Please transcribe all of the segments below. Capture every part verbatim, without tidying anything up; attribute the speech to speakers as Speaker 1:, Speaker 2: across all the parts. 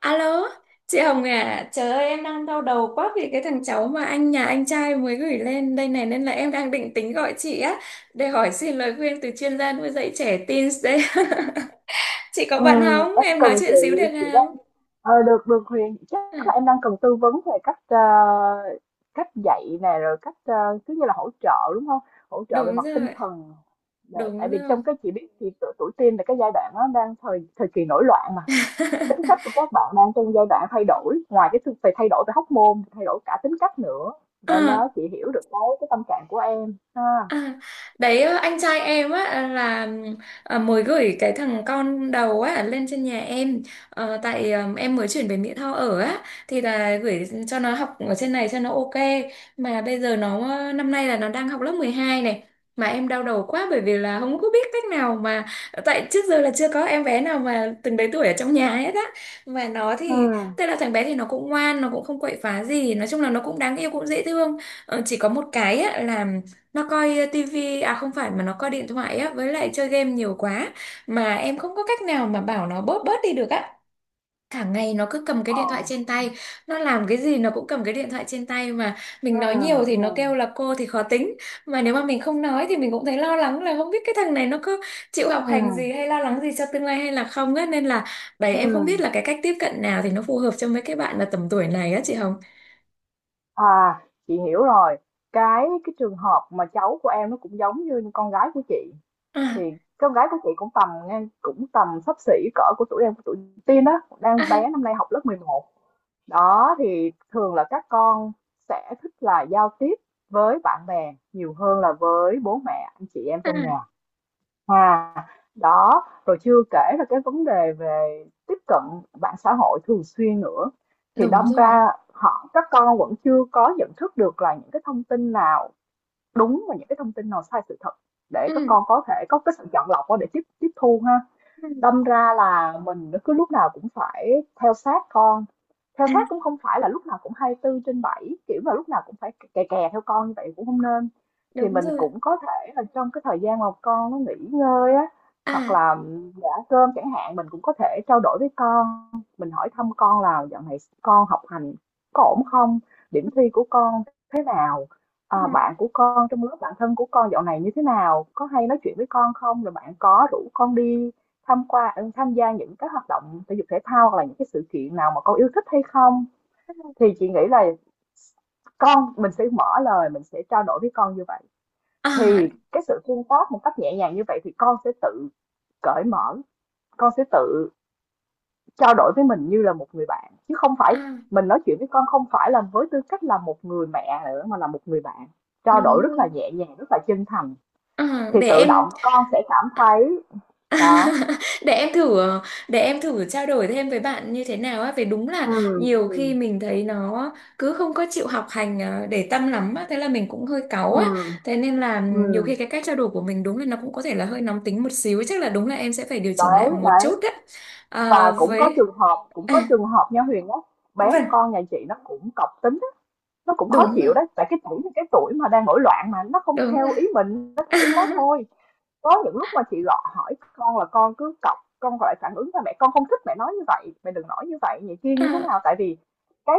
Speaker 1: Alo, chị Hồng à, trời ơi em đang đau đầu quá vì cái thằng cháu mà anh nhà anh trai mới gửi lên đây này nên là em đang định tính gọi chị á để hỏi xin lời khuyên từ chuyên gia nuôi dạy trẻ teens đấy. Chị có bận
Speaker 2: Ừm,
Speaker 1: không?
Speaker 2: em
Speaker 1: Em
Speaker 2: cần
Speaker 1: nói
Speaker 2: chị
Speaker 1: chuyện xíu được
Speaker 2: chị
Speaker 1: không?
Speaker 2: đang ờ, được được Huyền,
Speaker 1: À,
Speaker 2: chắc là em đang cần tư vấn về cách ờ, cách dạy này rồi cách ờ, cứ như là hỗ trợ, đúng không? Hỗ trợ về
Speaker 1: đúng
Speaker 2: mặt tinh
Speaker 1: rồi,
Speaker 2: thần để, tại
Speaker 1: đúng
Speaker 2: vì
Speaker 1: rồi.
Speaker 2: trong cái chị biết thì tuổi, tuổi teen là cái giai đoạn nó đang thời thời kỳ nổi loạn mà, tính cách của các bạn đang trong giai đoạn thay đổi, ngoài cái sự- phải thay đổi về hóc môn, thay đổi cả tính cách nữa,
Speaker 1: Ờ,
Speaker 2: nên nó chị hiểu được cái cái tâm trạng của em ha.
Speaker 1: à, đấy, ờ, anh trai em á à, là ờ, mới gửi cái thằng con đầu á lên trên nhà em. Ờ, tại ờ, em mới chuyển về Mỹ Tho ở á, thì là gửi cho nó học ở trên này cho nó ok, mà bây giờ nó ờ, năm nay là nó đang học lớp mười hai này, mà em đau đầu quá bởi vì là không có biết cách nào mà, tại trước giờ là chưa có em bé nào mà từng đấy tuổi ở trong nhà hết á, mà nó
Speaker 2: Ừ.
Speaker 1: thì tức là thằng bé thì nó cũng ngoan, nó cũng không quậy phá gì, nói chung là nó cũng đáng yêu cũng dễ thương. Ờ, chỉ có một cái á, là nó coi ờ, tivi à không phải mà nó coi điện thoại á với lại chơi game nhiều quá, mà em không có cách nào mà bảo nó bớt bớt đi được á, cả ngày nó cứ cầm cái
Speaker 2: Ờ.
Speaker 1: điện thoại trên tay, nó làm cái gì nó cũng cầm cái điện thoại trên tay, mà
Speaker 2: Ừ.
Speaker 1: mình nói nhiều thì nó kêu
Speaker 2: Ừ.
Speaker 1: là cô thì khó tính, mà nếu mà mình không nói thì mình cũng thấy lo lắng là không biết cái thằng này nó cứ chịu học hành gì
Speaker 2: Ừ.
Speaker 1: hay lo lắng gì cho tương lai hay là không á, nên là đấy
Speaker 2: Ừ.
Speaker 1: em không biết
Speaker 2: Ừ.
Speaker 1: là cái cách tiếp cận nào thì nó phù hợp cho mấy cái bạn mà tầm tuổi này á chị Hồng.
Speaker 2: À, chị hiểu rồi. Cái cái trường hợp mà cháu của em nó cũng giống như con gái của chị. Thì
Speaker 1: À,
Speaker 2: con gái của chị cũng tầm ngang cũng tầm xấp xỉ cỡ của tụi em của tụi Tiên đó, đang
Speaker 1: à,
Speaker 2: bé năm nay học lớp mười một. Đó thì thường là các con sẽ thích là giao tiếp với bạn bè nhiều hơn là với bố mẹ anh chị em
Speaker 1: à,
Speaker 2: trong nhà. À, đó, rồi chưa kể là cái vấn đề về tiếp cận mạng xã hội thường xuyên nữa. Thì
Speaker 1: đúng
Speaker 2: đâm
Speaker 1: rồi.
Speaker 2: ra họ các con vẫn chưa có nhận thức được là những cái thông tin nào đúng và những cái thông tin nào sai sự thật để các
Speaker 1: Ừ.
Speaker 2: con có thể có cái sự chọn lọc để tiếp tiếp thu ha. Đâm ra là mình cứ lúc nào cũng phải theo sát con, theo
Speaker 1: Ừ.
Speaker 2: sát cũng không phải là lúc nào cũng hai mươi tư trên bảy, kiểu là lúc nào cũng phải kè kè theo con như vậy cũng không nên. Thì
Speaker 1: Đúng
Speaker 2: mình
Speaker 1: rồi.
Speaker 2: cũng có thể là trong cái thời gian mà con nó nghỉ ngơi á, hoặc
Speaker 1: À,
Speaker 2: là giả cơm chẳng hạn mình cũng có thể trao đổi với con, mình hỏi thăm con là dạo này con học hành có ổn không, điểm thi của con thế nào, à, bạn của con trong lớp, bạn thân của con dạo này như thế nào, có hay nói chuyện với con không, rồi bạn có rủ con đi Tham qua ừ, tham gia những cái hoạt động thể dục thể thao hoặc là những cái sự kiện nào mà con yêu thích hay không? Thì chị nghĩ là con mình sẽ mở lời, mình sẽ trao đổi với con như vậy.
Speaker 1: à,
Speaker 2: Thì cái sự tương tác một cách nhẹ nhàng như vậy thì con sẽ tự cởi mở, con sẽ tự trao đổi với mình như là một người bạn, chứ không phải
Speaker 1: à.
Speaker 2: mình nói chuyện với con không phải là với tư cách là một người mẹ nữa mà là một người bạn. Trao đổi
Speaker 1: Đúng
Speaker 2: rất là
Speaker 1: rồi.
Speaker 2: nhẹ nhàng, rất là chân thành,
Speaker 1: À,
Speaker 2: thì
Speaker 1: để
Speaker 2: tự
Speaker 1: em
Speaker 2: động con sẽ cảm thấy đó.
Speaker 1: để em thử để em thử trao đổi thêm với bạn như thế nào á, vì đúng
Speaker 2: Ừ.
Speaker 1: là nhiều khi
Speaker 2: Ừ.
Speaker 1: mình thấy nó cứ không có chịu học hành ờ, để tâm lắm á, thế là mình cũng hơi cáu
Speaker 2: Ừ.
Speaker 1: á, thế nên là nhiều
Speaker 2: Ừ.
Speaker 1: khi cái cách trao đổi của mình đúng là nó cũng có thể là hơi nóng tính một xíu, chắc là đúng là em sẽ phải điều chỉnh lại
Speaker 2: Đấy,
Speaker 1: một
Speaker 2: đấy,
Speaker 1: chút á. Ờ,
Speaker 2: và cũng có
Speaker 1: với
Speaker 2: trường hợp cũng
Speaker 1: à,
Speaker 2: có trường hợp nha Huyền á, bé
Speaker 1: vâng,
Speaker 2: con nhà chị nó cũng cọc tính á, nó cũng khó
Speaker 1: đúng rồi,
Speaker 2: chịu đấy, tại cái tuổi cái tuổi mà đang nổi loạn mà, nó không
Speaker 1: đúng rồi.
Speaker 2: theo ý mình, nó theo ý đó thôi. Có những lúc mà chị gọi hỏi con là con cứ cọc, con gọi phản ứng là mẹ con không thích mẹ nói như vậy, mẹ đừng nói như vậy, vậy kia như thế
Speaker 1: À,
Speaker 2: nào, tại vì cái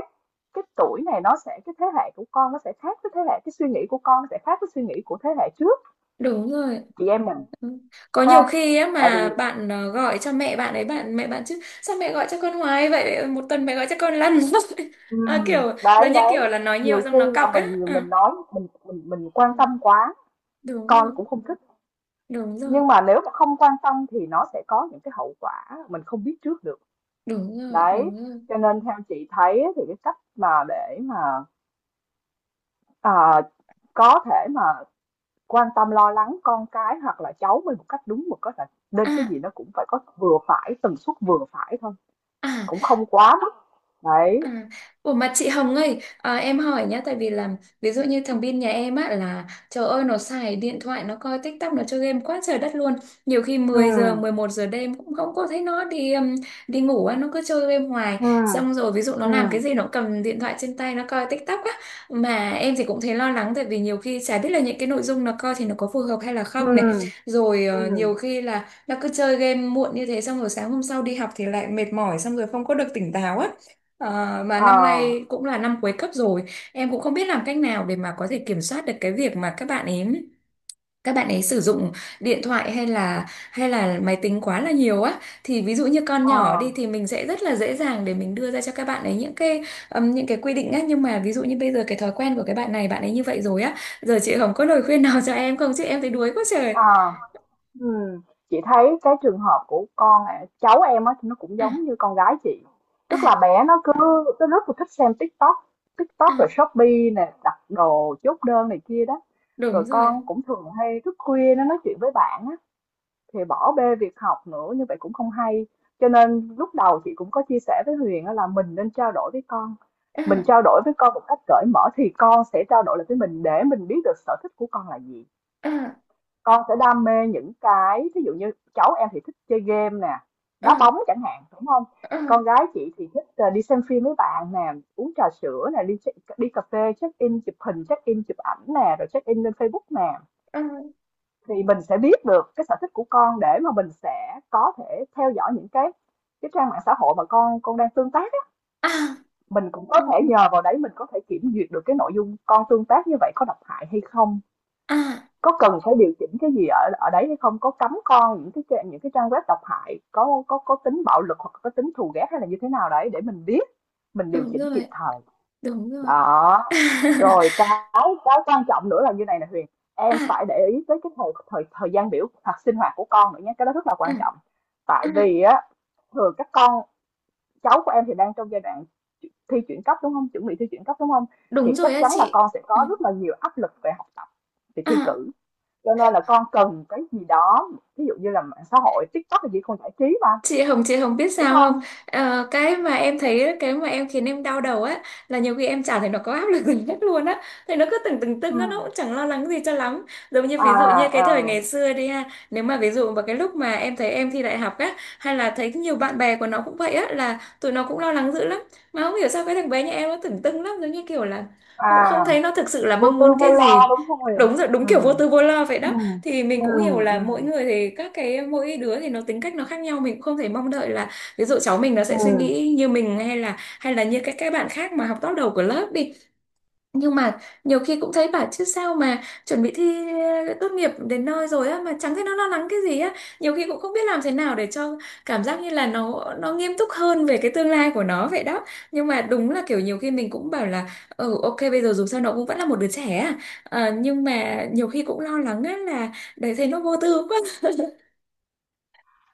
Speaker 2: cái tuổi này nó sẽ cái thế hệ của con nó sẽ khác với thế hệ cái suy nghĩ của con nó sẽ khác với suy nghĩ của thế hệ trước
Speaker 1: đúng rồi.
Speaker 2: chị em mình
Speaker 1: Ừ. Có
Speaker 2: ha,
Speaker 1: nhiều khi á
Speaker 2: tại
Speaker 1: mà
Speaker 2: vì
Speaker 1: bạn ờ, gọi cho mẹ bạn ấy bạn mẹ bạn chứ sao mẹ gọi cho con hoài vậy một tuần mẹ gọi cho con lần à,
Speaker 2: Ừm,
Speaker 1: kiểu giống
Speaker 2: đấy,
Speaker 1: như
Speaker 2: đấy,
Speaker 1: kiểu là nói nhiều
Speaker 2: nhiều
Speaker 1: xong
Speaker 2: khi
Speaker 1: nó
Speaker 2: là
Speaker 1: cọc á
Speaker 2: mình
Speaker 1: à,
Speaker 2: mình nói mình mình mình quan tâm quá,
Speaker 1: đúng
Speaker 2: con
Speaker 1: rồi,
Speaker 2: cũng không thích,
Speaker 1: đúng rồi,
Speaker 2: nhưng mà nếu mà không quan tâm thì nó sẽ có những cái hậu quả mình không biết trước được.
Speaker 1: đúng rồi,
Speaker 2: Đấy,
Speaker 1: đúng rồi.
Speaker 2: cho nên theo chị thấy thì cái cách mà để mà, ờ, có thể mà quan tâm lo lắng con cái hoặc là cháu mình một cách đúng mực á là nên cái
Speaker 1: À,
Speaker 2: gì nó cũng phải có vừa phải, tần suất vừa phải thôi,
Speaker 1: à.
Speaker 2: cũng không quá mức. Đấy.
Speaker 1: À, ủa mà chị Hồng ơi, à, em hỏi nhá, tại vì là ví dụ như thằng Bin nhà em á là trời ơi nó xài điện thoại, nó coi TikTok, nó chơi game quá trời đất luôn. Nhiều khi mười giờ,
Speaker 2: Ừm.
Speaker 1: mười một giờ đêm cũng không có thấy nó đi um, đi ngủ á, nó cứ chơi game hoài.
Speaker 2: Ừm.
Speaker 1: Xong rồi ví dụ nó làm cái
Speaker 2: Ừm.
Speaker 1: gì nó cầm điện thoại trên tay nó coi TikTok á. Mà em thì cũng thấy lo lắng tại vì nhiều khi chả biết là những cái nội dung nó coi thì nó có phù hợp hay là không này.
Speaker 2: Ừm.
Speaker 1: Rồi ờ,
Speaker 2: Ừm.
Speaker 1: nhiều khi là nó cứ chơi game muộn như thế xong rồi sáng hôm sau đi học thì lại mệt mỏi xong rồi không có được tỉnh táo á. Ờ, mà
Speaker 2: Ờ.
Speaker 1: năm nay cũng là năm cuối cấp rồi, em cũng không biết làm cách nào để mà có thể kiểm soát được cái việc mà các bạn ấy các bạn ấy sử dụng điện thoại hay là hay là máy tính quá là nhiều á, thì ví dụ như con
Speaker 2: Ờ,
Speaker 1: nhỏ đi thì mình sẽ rất là dễ dàng để mình đưa ra cho các bạn ấy những cái ừm, những cái quy định á, nhưng mà ví dụ như bây giờ cái thói quen của cái bạn này bạn ấy như vậy rồi á, giờ chị Hồng có lời khuyên nào cho em không chứ em thấy đuối quá trời.
Speaker 2: ờ, ừm, chị thấy cái trường hợp của con ạ, cháu em á thì nó cũng
Speaker 1: À,
Speaker 2: giống như con gái chị, tức là
Speaker 1: à,
Speaker 2: bé nó cứ nó rất là thích xem TikTok TikTok rồi
Speaker 1: à,
Speaker 2: Shopee nè, đặt đồ chốt đơn này kia đó, rồi
Speaker 1: đúng rồi.
Speaker 2: con cũng thường hay thức khuya nó nói chuyện với bạn á, thì bỏ bê việc học nữa như vậy cũng không hay, cho nên lúc đầu chị cũng có chia sẻ với Huyền á là mình nên trao đổi với con, mình
Speaker 1: À,
Speaker 2: trao đổi với con một cách cởi mở thì con sẽ trao đổi lại với mình để mình biết được sở thích của con là gì.
Speaker 1: à,
Speaker 2: Con sẽ đam mê những cái ví dụ như cháu em thì thích chơi game nè, đá
Speaker 1: à,
Speaker 2: bóng chẳng hạn, đúng không?
Speaker 1: à,
Speaker 2: Con gái chị thì thích, ờ, đi xem phim với bạn nè, uống trà sữa nè, đi đi cà phê, check-in chụp hình, check-in chụp ảnh nè, rồi check-in lên Facebook nè.
Speaker 1: à,
Speaker 2: Thì mình sẽ biết được cái sở thích của con để mà mình sẽ có thể theo dõi những cái cái trang mạng xã hội mà con con đang tương tác á,
Speaker 1: à,
Speaker 2: mình cũng có thể
Speaker 1: à.
Speaker 2: nhờ vào đấy mình có thể kiểm duyệt được cái nội dung con tương tác như vậy có độc hại hay không.
Speaker 1: À. À.
Speaker 2: Có cần phải điều chỉnh cái gì ở ở đấy hay không? Có cấm con những cái trang những cái trang web độc hại, có có có tính bạo lực hoặc có tính thù ghét hay là như thế nào đấy để mình biết, mình điều
Speaker 1: Đúng
Speaker 2: chỉnh kịp
Speaker 1: rồi,
Speaker 2: thời.
Speaker 1: đúng rồi.
Speaker 2: Đó. Rồi cái cái quan trọng nữa là như này nè Huyền, em
Speaker 1: À,
Speaker 2: phải để ý tới cái thời thời thời gian biểu hoặc sinh hoạt của con nữa nhé, cái đó rất là
Speaker 1: à,
Speaker 2: quan trọng. Tại
Speaker 1: à,
Speaker 2: vì á thường các con cháu của em thì đang trong giai đoạn thi chuyển cấp, đúng không? Chuẩn bị thi chuyển cấp, đúng không? Thì
Speaker 1: đúng rồi
Speaker 2: chắc
Speaker 1: á
Speaker 2: chắn là
Speaker 1: chị.
Speaker 2: con sẽ
Speaker 1: Ừ.
Speaker 2: có rất là nhiều áp lực về học tập, về thi
Speaker 1: À,
Speaker 2: cử, cho nên là con cần cái gì đó ví dụ như là mạng xã hội TikTok là gì không giải trí mà,
Speaker 1: Chị Hồng chị Hồng biết
Speaker 2: đúng
Speaker 1: sao không,
Speaker 2: không?
Speaker 1: ờ, cái mà em thấy cái mà em khiến em đau đầu á là nhiều khi em chả thấy nó có áp lực gì hết luôn á, thì nó cứ từng từng
Speaker 2: Ừ.
Speaker 1: từng á, nó cũng chẳng lo lắng gì cho lắm, giống như
Speaker 2: À.
Speaker 1: ví dụ như cái thời
Speaker 2: À.
Speaker 1: ngày xưa đi ha, nếu mà ví dụ vào cái lúc mà em thấy em thi đại học á hay là thấy nhiều bạn bè của nó cũng vậy á là tụi nó cũng lo lắng dữ lắm, mà không hiểu sao cái thằng bé nhà em nó tưởng tưng lắm, giống như kiểu là cũng không
Speaker 2: À.
Speaker 1: thấy nó thực sự là mong
Speaker 2: Vô tư
Speaker 1: muốn cái
Speaker 2: vô lo,
Speaker 1: gì.
Speaker 2: đúng không Huyền?
Speaker 1: Đúng rồi, đúng kiểu
Speaker 2: Ừ.
Speaker 1: vô tư vô lo vậy
Speaker 2: Ừ.
Speaker 1: đó, thì mình
Speaker 2: Ừ.
Speaker 1: cũng hiểu là
Speaker 2: Ừ.
Speaker 1: mỗi người thì các cái mỗi đứa thì nó tính cách nó khác nhau, mình cũng không thể mong đợi là ví dụ cháu mình nó
Speaker 2: Ừ.
Speaker 1: sẽ suy nghĩ như mình hay là hay là như các các bạn khác mà học top đầu của lớp đi, nhưng mà nhiều khi cũng thấy bảo chứ sao mà chuẩn bị thi ờ, tốt nghiệp đến nơi rồi á mà chẳng thấy nó lo lắng cái gì á, nhiều khi cũng không biết làm thế nào để cho cảm giác như là nó nó nghiêm túc hơn về cái tương lai của nó vậy đó, nhưng mà đúng là kiểu nhiều khi mình cũng bảo là ừ ok bây giờ dù sao nó cũng vẫn là một đứa trẻ à. Ờ, nhưng mà nhiều khi cũng lo lắng á là đấy thấy nó vô tư quá.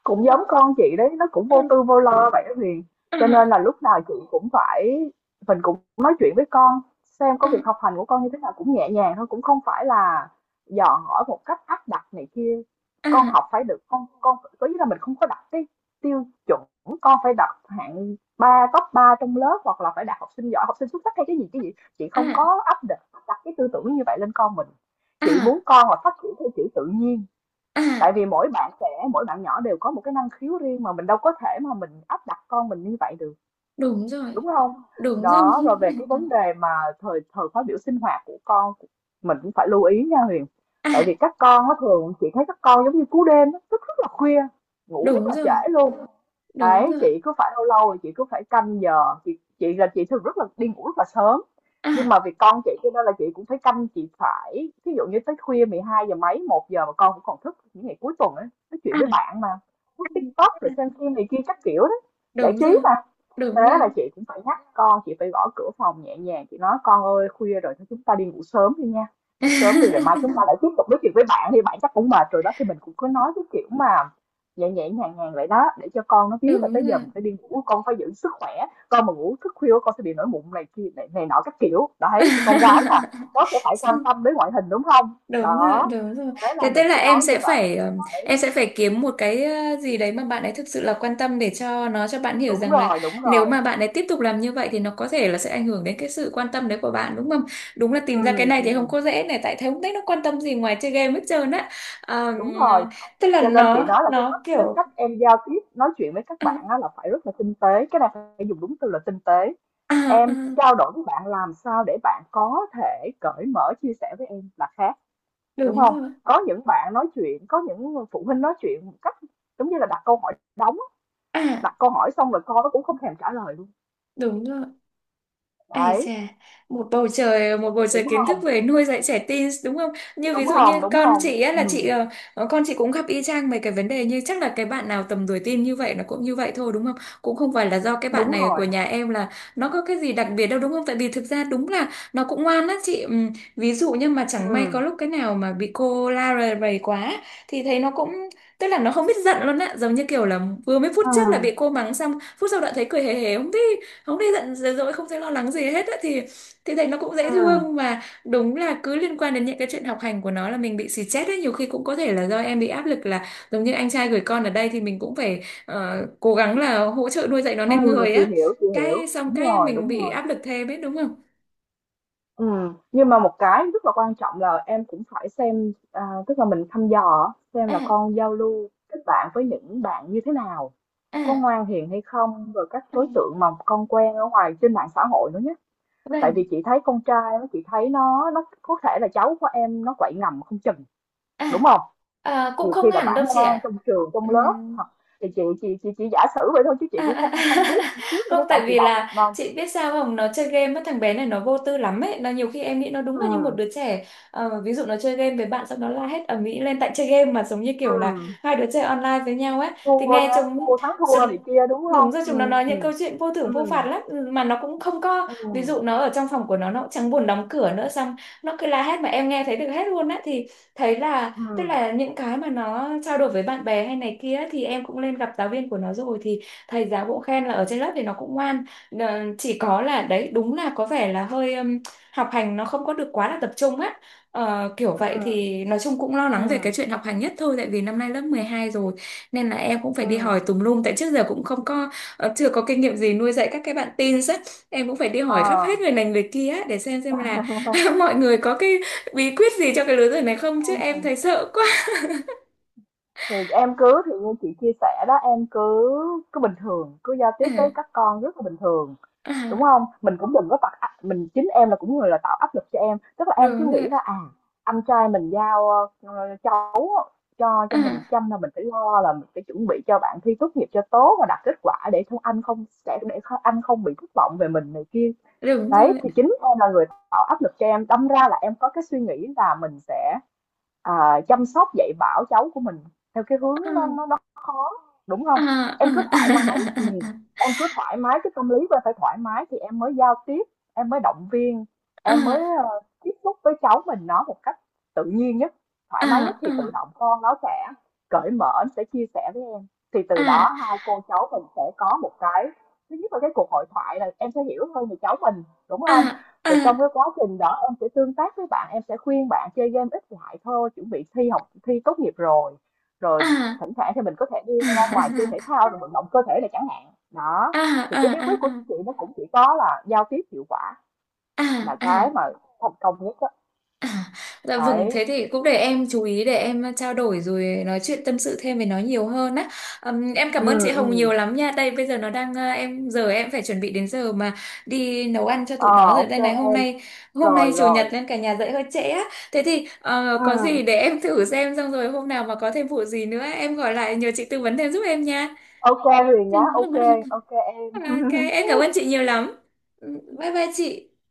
Speaker 2: Cũng giống con chị đấy, nó cũng vô tư vô lo vậy đó Huyền. Cho nên
Speaker 1: À,
Speaker 2: là lúc nào chị cũng phải mình cũng nói chuyện với con, xem
Speaker 1: à,
Speaker 2: có việc học hành của con như thế nào cũng nhẹ nhàng thôi, cũng không phải là dò hỏi một cách áp đặt này kia. Con
Speaker 1: à,
Speaker 2: học phải được con con có nghĩa là mình không có đặt cái tiêu chuẩn con phải đạt hạng ba top ba trong lớp hoặc là phải đạt học sinh giỏi, học sinh xuất sắc hay cái gì cái gì. Chị không
Speaker 1: à,
Speaker 2: có áp đặt, đặt cái tư tưởng như vậy lên con mình. Chị muốn
Speaker 1: à,
Speaker 2: con là phát triển theo kiểu tự nhiên, tại
Speaker 1: à,
Speaker 2: vì mỗi bạn trẻ mỗi bạn nhỏ đều có một cái năng khiếu riêng mà mình đâu có thể mà mình áp đặt con mình như vậy được,
Speaker 1: đúng rồi,
Speaker 2: đúng không?
Speaker 1: đúng rồi.
Speaker 2: Đó, rồi về cái vấn đề mà thời thời khóa biểu sinh hoạt của con mình cũng phải lưu ý nha Huyền,
Speaker 1: À,
Speaker 2: tại vì các con nó thường chị thấy các con giống như cú đêm á, thức rất là khuya, ngủ rất
Speaker 1: đúng
Speaker 2: là
Speaker 1: rồi,
Speaker 2: trễ luôn.
Speaker 1: đúng
Speaker 2: Đấy,
Speaker 1: rồi.
Speaker 2: chị cứ phải lâu lâu rồi chị cứ phải canh giờ chị chị là chị thường rất là đi ngủ rất là sớm, nhưng
Speaker 1: À.
Speaker 2: mà vì con chị cho nên là chị cũng phải canh, chị phải ví dụ như tới khuya mười hai giờ mấy một giờ mà con cũng còn thức những ngày cuối tuần ấy nói chuyện với
Speaker 1: À,
Speaker 2: bạn mà, lướt TikTok rồi
Speaker 1: à,
Speaker 2: xem phim này kia các kiểu đó giải
Speaker 1: đúng rồi,
Speaker 2: trí mà. Thế
Speaker 1: đúng rồi.
Speaker 2: là chị cũng phải nhắc con, chị phải gõ cửa phòng nhẹ nhàng, chị nói con ơi khuya rồi thôi chúng ta đi ngủ sớm đi nha, ngủ sớm đi rồi mai chúng ta lại tiếp tục nói chuyện với bạn đi, bạn chắc cũng mệt rồi đó, thì mình cũng cứ nói cái kiểu mà nhẹ nhẹ nhàng nhàng vậy đó để cho con nó biết là
Speaker 1: Đúng
Speaker 2: tới giờ
Speaker 1: rồi.
Speaker 2: mình phải đi ngủ, con phải giữ sức khỏe, con mà ngủ thức khuya con sẽ bị nổi mụn này kia này, này nọ các kiểu đấy, thì con gái là nó sẽ phải quan tâm đến ngoại hình, đúng không?
Speaker 1: Đúng rồi,
Speaker 2: Đó,
Speaker 1: đúng rồi.
Speaker 2: thế là
Speaker 1: Thế tức
Speaker 2: mình
Speaker 1: là
Speaker 2: cứ
Speaker 1: em
Speaker 2: nói như
Speaker 1: sẽ
Speaker 2: vậy.
Speaker 1: phải ừm, em
Speaker 2: Đấy.
Speaker 1: sẽ phải kiếm một cái ờ, gì đấy mà bạn ấy thực sự là quan tâm để cho nó cho bạn hiểu
Speaker 2: Đúng
Speaker 1: rằng là,
Speaker 2: rồi, đúng
Speaker 1: nếu
Speaker 2: rồi.
Speaker 1: mà bạn ấy tiếp tục làm như vậy thì nó có thể là sẽ ảnh hưởng đến cái sự quan tâm đấy của bạn, đúng không? Đúng là
Speaker 2: Ừ,
Speaker 1: tìm ra cái này thì không
Speaker 2: ừ.
Speaker 1: có dễ này, tại thấy không thấy nó quan tâm gì ngoài chơi game hết trơn á. Ờm,
Speaker 2: Đúng rồi.
Speaker 1: tức là
Speaker 2: Cho nên chị
Speaker 1: nó
Speaker 2: nói là cái
Speaker 1: nó
Speaker 2: cách cái
Speaker 1: kiểu
Speaker 2: cách em giao tiếp, nói chuyện với các
Speaker 1: à,
Speaker 2: bạn á là phải rất là tinh tế, cái này phải dùng đúng từ là tinh tế.
Speaker 1: à, à,
Speaker 2: Em trao đổi với bạn làm sao để bạn có thể cởi mở chia sẻ với em là khác, đúng
Speaker 1: đúng
Speaker 2: không?
Speaker 1: rồi.
Speaker 2: Có những bạn nói chuyện, có những phụ huynh nói chuyện một cách giống như là đặt câu hỏi đóng,
Speaker 1: À.
Speaker 2: đặt câu hỏi xong rồi con nó cũng không thèm trả lời luôn.
Speaker 1: Đúng rồi. Ê chà,
Speaker 2: Đấy,
Speaker 1: một bầu trời một bầu trời
Speaker 2: đúng
Speaker 1: kiến thức
Speaker 2: không?
Speaker 1: về nuôi dạy trẻ teen đúng không? Như ví
Speaker 2: Đúng
Speaker 1: dụ như
Speaker 2: không? Đúng
Speaker 1: con
Speaker 2: không?
Speaker 1: chị á là chị
Speaker 2: Ừ,
Speaker 1: ờ, ờ, con chị cũng gặp y chang mấy cái vấn đề như chắc là cái bạn nào tầm tuổi teen như vậy nó cũng như vậy thôi đúng không? Cũng không phải là do cái bạn
Speaker 2: đúng
Speaker 1: này của
Speaker 2: rồi.
Speaker 1: nhà em là nó có cái gì đặc biệt đâu đúng không? Tại vì thực ra đúng là nó cũng ngoan á chị. Ừm, Ví dụ như mà chẳng may
Speaker 2: Ừ.
Speaker 1: có lúc cái nào mà bị cô la rầy rầy quá thì thấy nó cũng tức là nó không biết giận luôn á, giống như kiểu là vừa mấy phút
Speaker 2: Ừ.
Speaker 1: trước là bị cô mắng xong phút sau đã thấy cười hề hề không biết, không thấy giận dữ dỗi không thấy lo lắng gì hết á, thì thì thấy nó cũng
Speaker 2: Ừ.
Speaker 1: dễ thương, mà đúng là cứ liên quan đến những cái chuyện học hành của nó là mình bị xì chết ấy, nhiều khi cũng có thể là do em bị áp lực là giống như anh trai gửi con ở đây thì mình cũng phải ờ, cố gắng là hỗ trợ nuôi dạy nó nên
Speaker 2: Ừ,
Speaker 1: người
Speaker 2: chị
Speaker 1: á,
Speaker 2: hiểu, chị hiểu.
Speaker 1: cái xong
Speaker 2: Đúng
Speaker 1: cái
Speaker 2: rồi,
Speaker 1: mình
Speaker 2: đúng
Speaker 1: bị
Speaker 2: rồi.
Speaker 1: áp lực thêm ấy đúng không?
Speaker 2: Ừ. Nhưng mà một cái rất là quan trọng là em cũng phải xem à, tức là mình thăm dò xem là
Speaker 1: À,
Speaker 2: con giao lưu kết bạn với những bạn như thế nào, có
Speaker 1: à,
Speaker 2: ngoan hiền hay không, rồi các
Speaker 1: à,
Speaker 2: đối tượng mà con quen ở ngoài trên mạng xã hội nữa nhé. Tại
Speaker 1: vâng,
Speaker 2: vì chị thấy con trai nó, chị thấy nó nó có thể là cháu của em nó quậy ngầm không chừng, đúng
Speaker 1: à,
Speaker 2: không?
Speaker 1: à, cũng
Speaker 2: Nhiều khi
Speaker 1: không
Speaker 2: là
Speaker 1: hẳn đâu
Speaker 2: bản
Speaker 1: chị
Speaker 2: ngoan
Speaker 1: ạ.
Speaker 2: trong trường trong lớp
Speaker 1: Ừm,
Speaker 2: hoặc thì chị chị chị chỉ giả sử vậy thôi chứ
Speaker 1: À,
Speaker 2: chị cũng
Speaker 1: à, à.
Speaker 2: không không biết trước
Speaker 1: Không
Speaker 2: đâu, cậu
Speaker 1: tại
Speaker 2: chị
Speaker 1: vì
Speaker 2: đọc
Speaker 1: là
Speaker 2: nên
Speaker 1: chị biết sao không, nó chơi game á thằng bé này nó vô tư lắm ấy, nó nhiều khi em nghĩ nó đúng là
Speaker 2: ừ.
Speaker 1: như một đứa trẻ. Ờ, ví dụ nó chơi game với bạn xong nó la hét ầm ĩ lên tại chơi game mà giống như kiểu là
Speaker 2: Ừ.
Speaker 1: hai đứa chơi online với nhau ấy, thì
Speaker 2: Thua
Speaker 1: nghe
Speaker 2: nhá,
Speaker 1: chúng
Speaker 2: thua thắng thua này
Speaker 1: chúng
Speaker 2: kia, đúng không?
Speaker 1: đúng rồi chúng nó nói những
Speaker 2: ừ
Speaker 1: câu chuyện vô thưởng vô
Speaker 2: ừ
Speaker 1: phạt lắm. Ừ, mà nó cũng không có
Speaker 2: ừ
Speaker 1: ví dụ nó ở trong phòng của nó nó cũng chẳng buồn đóng cửa nữa, xong nó cứ la hét mà em nghe thấy được hết luôn á, thì thấy là tức
Speaker 2: ừ
Speaker 1: là những cái mà nó trao đổi với bạn bè hay này kia ấy, thì em cũng lên gặp giáo viên của nó rồi, thì thầy giáo cũng khen là ở trên lớp thì nó cũng ngoan. Ờ, chỉ có là đấy đúng là có vẻ là hơi ừm, học hành nó không có được quá là tập trung á. Ờ, kiểu vậy
Speaker 2: ừ
Speaker 1: thì nói chung cũng lo
Speaker 2: ừ
Speaker 1: lắng về cái chuyện học hành nhất thôi, tại vì năm nay lớp mười hai rồi, nên là em cũng phải đi hỏi
Speaker 2: ừm,
Speaker 1: tùm lum tại trước giờ cũng không có ờ, chưa có kinh nghiệm gì nuôi dạy các cái bạn teen á, em cũng phải đi
Speaker 2: ờ,
Speaker 1: hỏi khắp hết người này người kia á, để xem xem là mọi người có cái bí quyết gì cho cái lứa tuổi này không chứ em thấy sợ quá.
Speaker 2: thì em cứ, thì như chị chia sẻ đó, em cứ cứ bình thường, cứ giao tiếp với
Speaker 1: À,
Speaker 2: các con rất là bình thường, đúng
Speaker 1: à,
Speaker 2: không? Mình cũng đừng có tạo áp, mình chính em là cũng người là tạo áp lực cho em, tức là em cứ
Speaker 1: đúng rồi.
Speaker 2: nghĩ là, à, anh trai mình giao, ơ, cháu cho cho mình
Speaker 1: À,
Speaker 2: chăm, là mình phải lo là mình phải chuẩn bị cho bạn thi tốt nghiệp cho tốt và đạt kết quả để không anh không sẽ để kh anh không bị thất vọng về mình này kia.
Speaker 1: đúng
Speaker 2: Đấy,
Speaker 1: rồi.
Speaker 2: thì chính em là người tạo áp lực cho em, đâm ra là em có cái suy nghĩ là mình sẽ, à, chăm sóc dạy bảo cháu của mình theo cái hướng
Speaker 1: À,
Speaker 2: nó nó nó đúng
Speaker 1: à,
Speaker 2: không? Em cứ thoải mái, ừm,
Speaker 1: à, à,
Speaker 2: em cứ thoải mái, cái tâm lý của em phải thoải mái thì em mới giao tiếp, em mới động viên, em mới,
Speaker 1: à,
Speaker 2: ờ, tiếp xúc với cháu mình nó một cách tự nhiên nhất, thoải mái nhất, thì tự
Speaker 1: à,
Speaker 2: động con nó sẽ cởi mở, nó sẽ chia sẻ với em. Thì từ đó
Speaker 1: à,
Speaker 2: hai cô cháu mình sẽ có một cái, thứ nhất là cái cuộc hội thoại là em sẽ hiểu hơn về cháu mình, đúng
Speaker 1: à,
Speaker 2: không?
Speaker 1: à,
Speaker 2: Rồi
Speaker 1: à,
Speaker 2: trong cái quá trình đó em sẽ tương tác với bạn, em sẽ khuyên bạn chơi game ít lại thôi, chuẩn bị thi học thi tốt nghiệp rồi,
Speaker 1: à,
Speaker 2: rồi
Speaker 1: à, à, à,
Speaker 2: thỉnh thoảng thì mình có thể đi ngoài chơi thể thao rồi vận động cơ thể này chẳng hạn đó.
Speaker 1: à,
Speaker 2: Thì
Speaker 1: à,
Speaker 2: cái bí quyết
Speaker 1: à,
Speaker 2: của chị nó cũng chỉ có là giao tiếp hiệu quả
Speaker 1: à,
Speaker 2: là
Speaker 1: à, à.
Speaker 2: cái mà thành công nhất á.
Speaker 1: À, dạ vâng,
Speaker 2: Đấy.
Speaker 1: thế thì cũng để em chú ý để em trao đổi rồi nói chuyện tâm sự thêm với nó nhiều hơn á. Ừm, em
Speaker 2: Ừ.
Speaker 1: cảm ơn chị Hồng
Speaker 2: ừ
Speaker 1: nhiều lắm nha. Đây bây giờ nó đang à, em giờ em phải chuẩn bị đến giờ mà đi nấu ăn cho tụi
Speaker 2: ờ
Speaker 1: nó rồi.
Speaker 2: OK
Speaker 1: Đây này hôm
Speaker 2: em.
Speaker 1: nay hôm
Speaker 2: Rồi
Speaker 1: nay chủ nhật
Speaker 2: rồi.
Speaker 1: nên cả nhà dậy hơi trễ á. Thế thì ờ,
Speaker 2: Ừ,
Speaker 1: có gì để em thử xem xong rồi hôm nào mà có thêm vụ gì nữa em gọi lại nhờ chị tư vấn thêm giúp em nha.
Speaker 2: OK Huyền nhá, OK OK em.
Speaker 1: Ok, em cảm ơn chị nhiều lắm. Ừ, bye bye chị.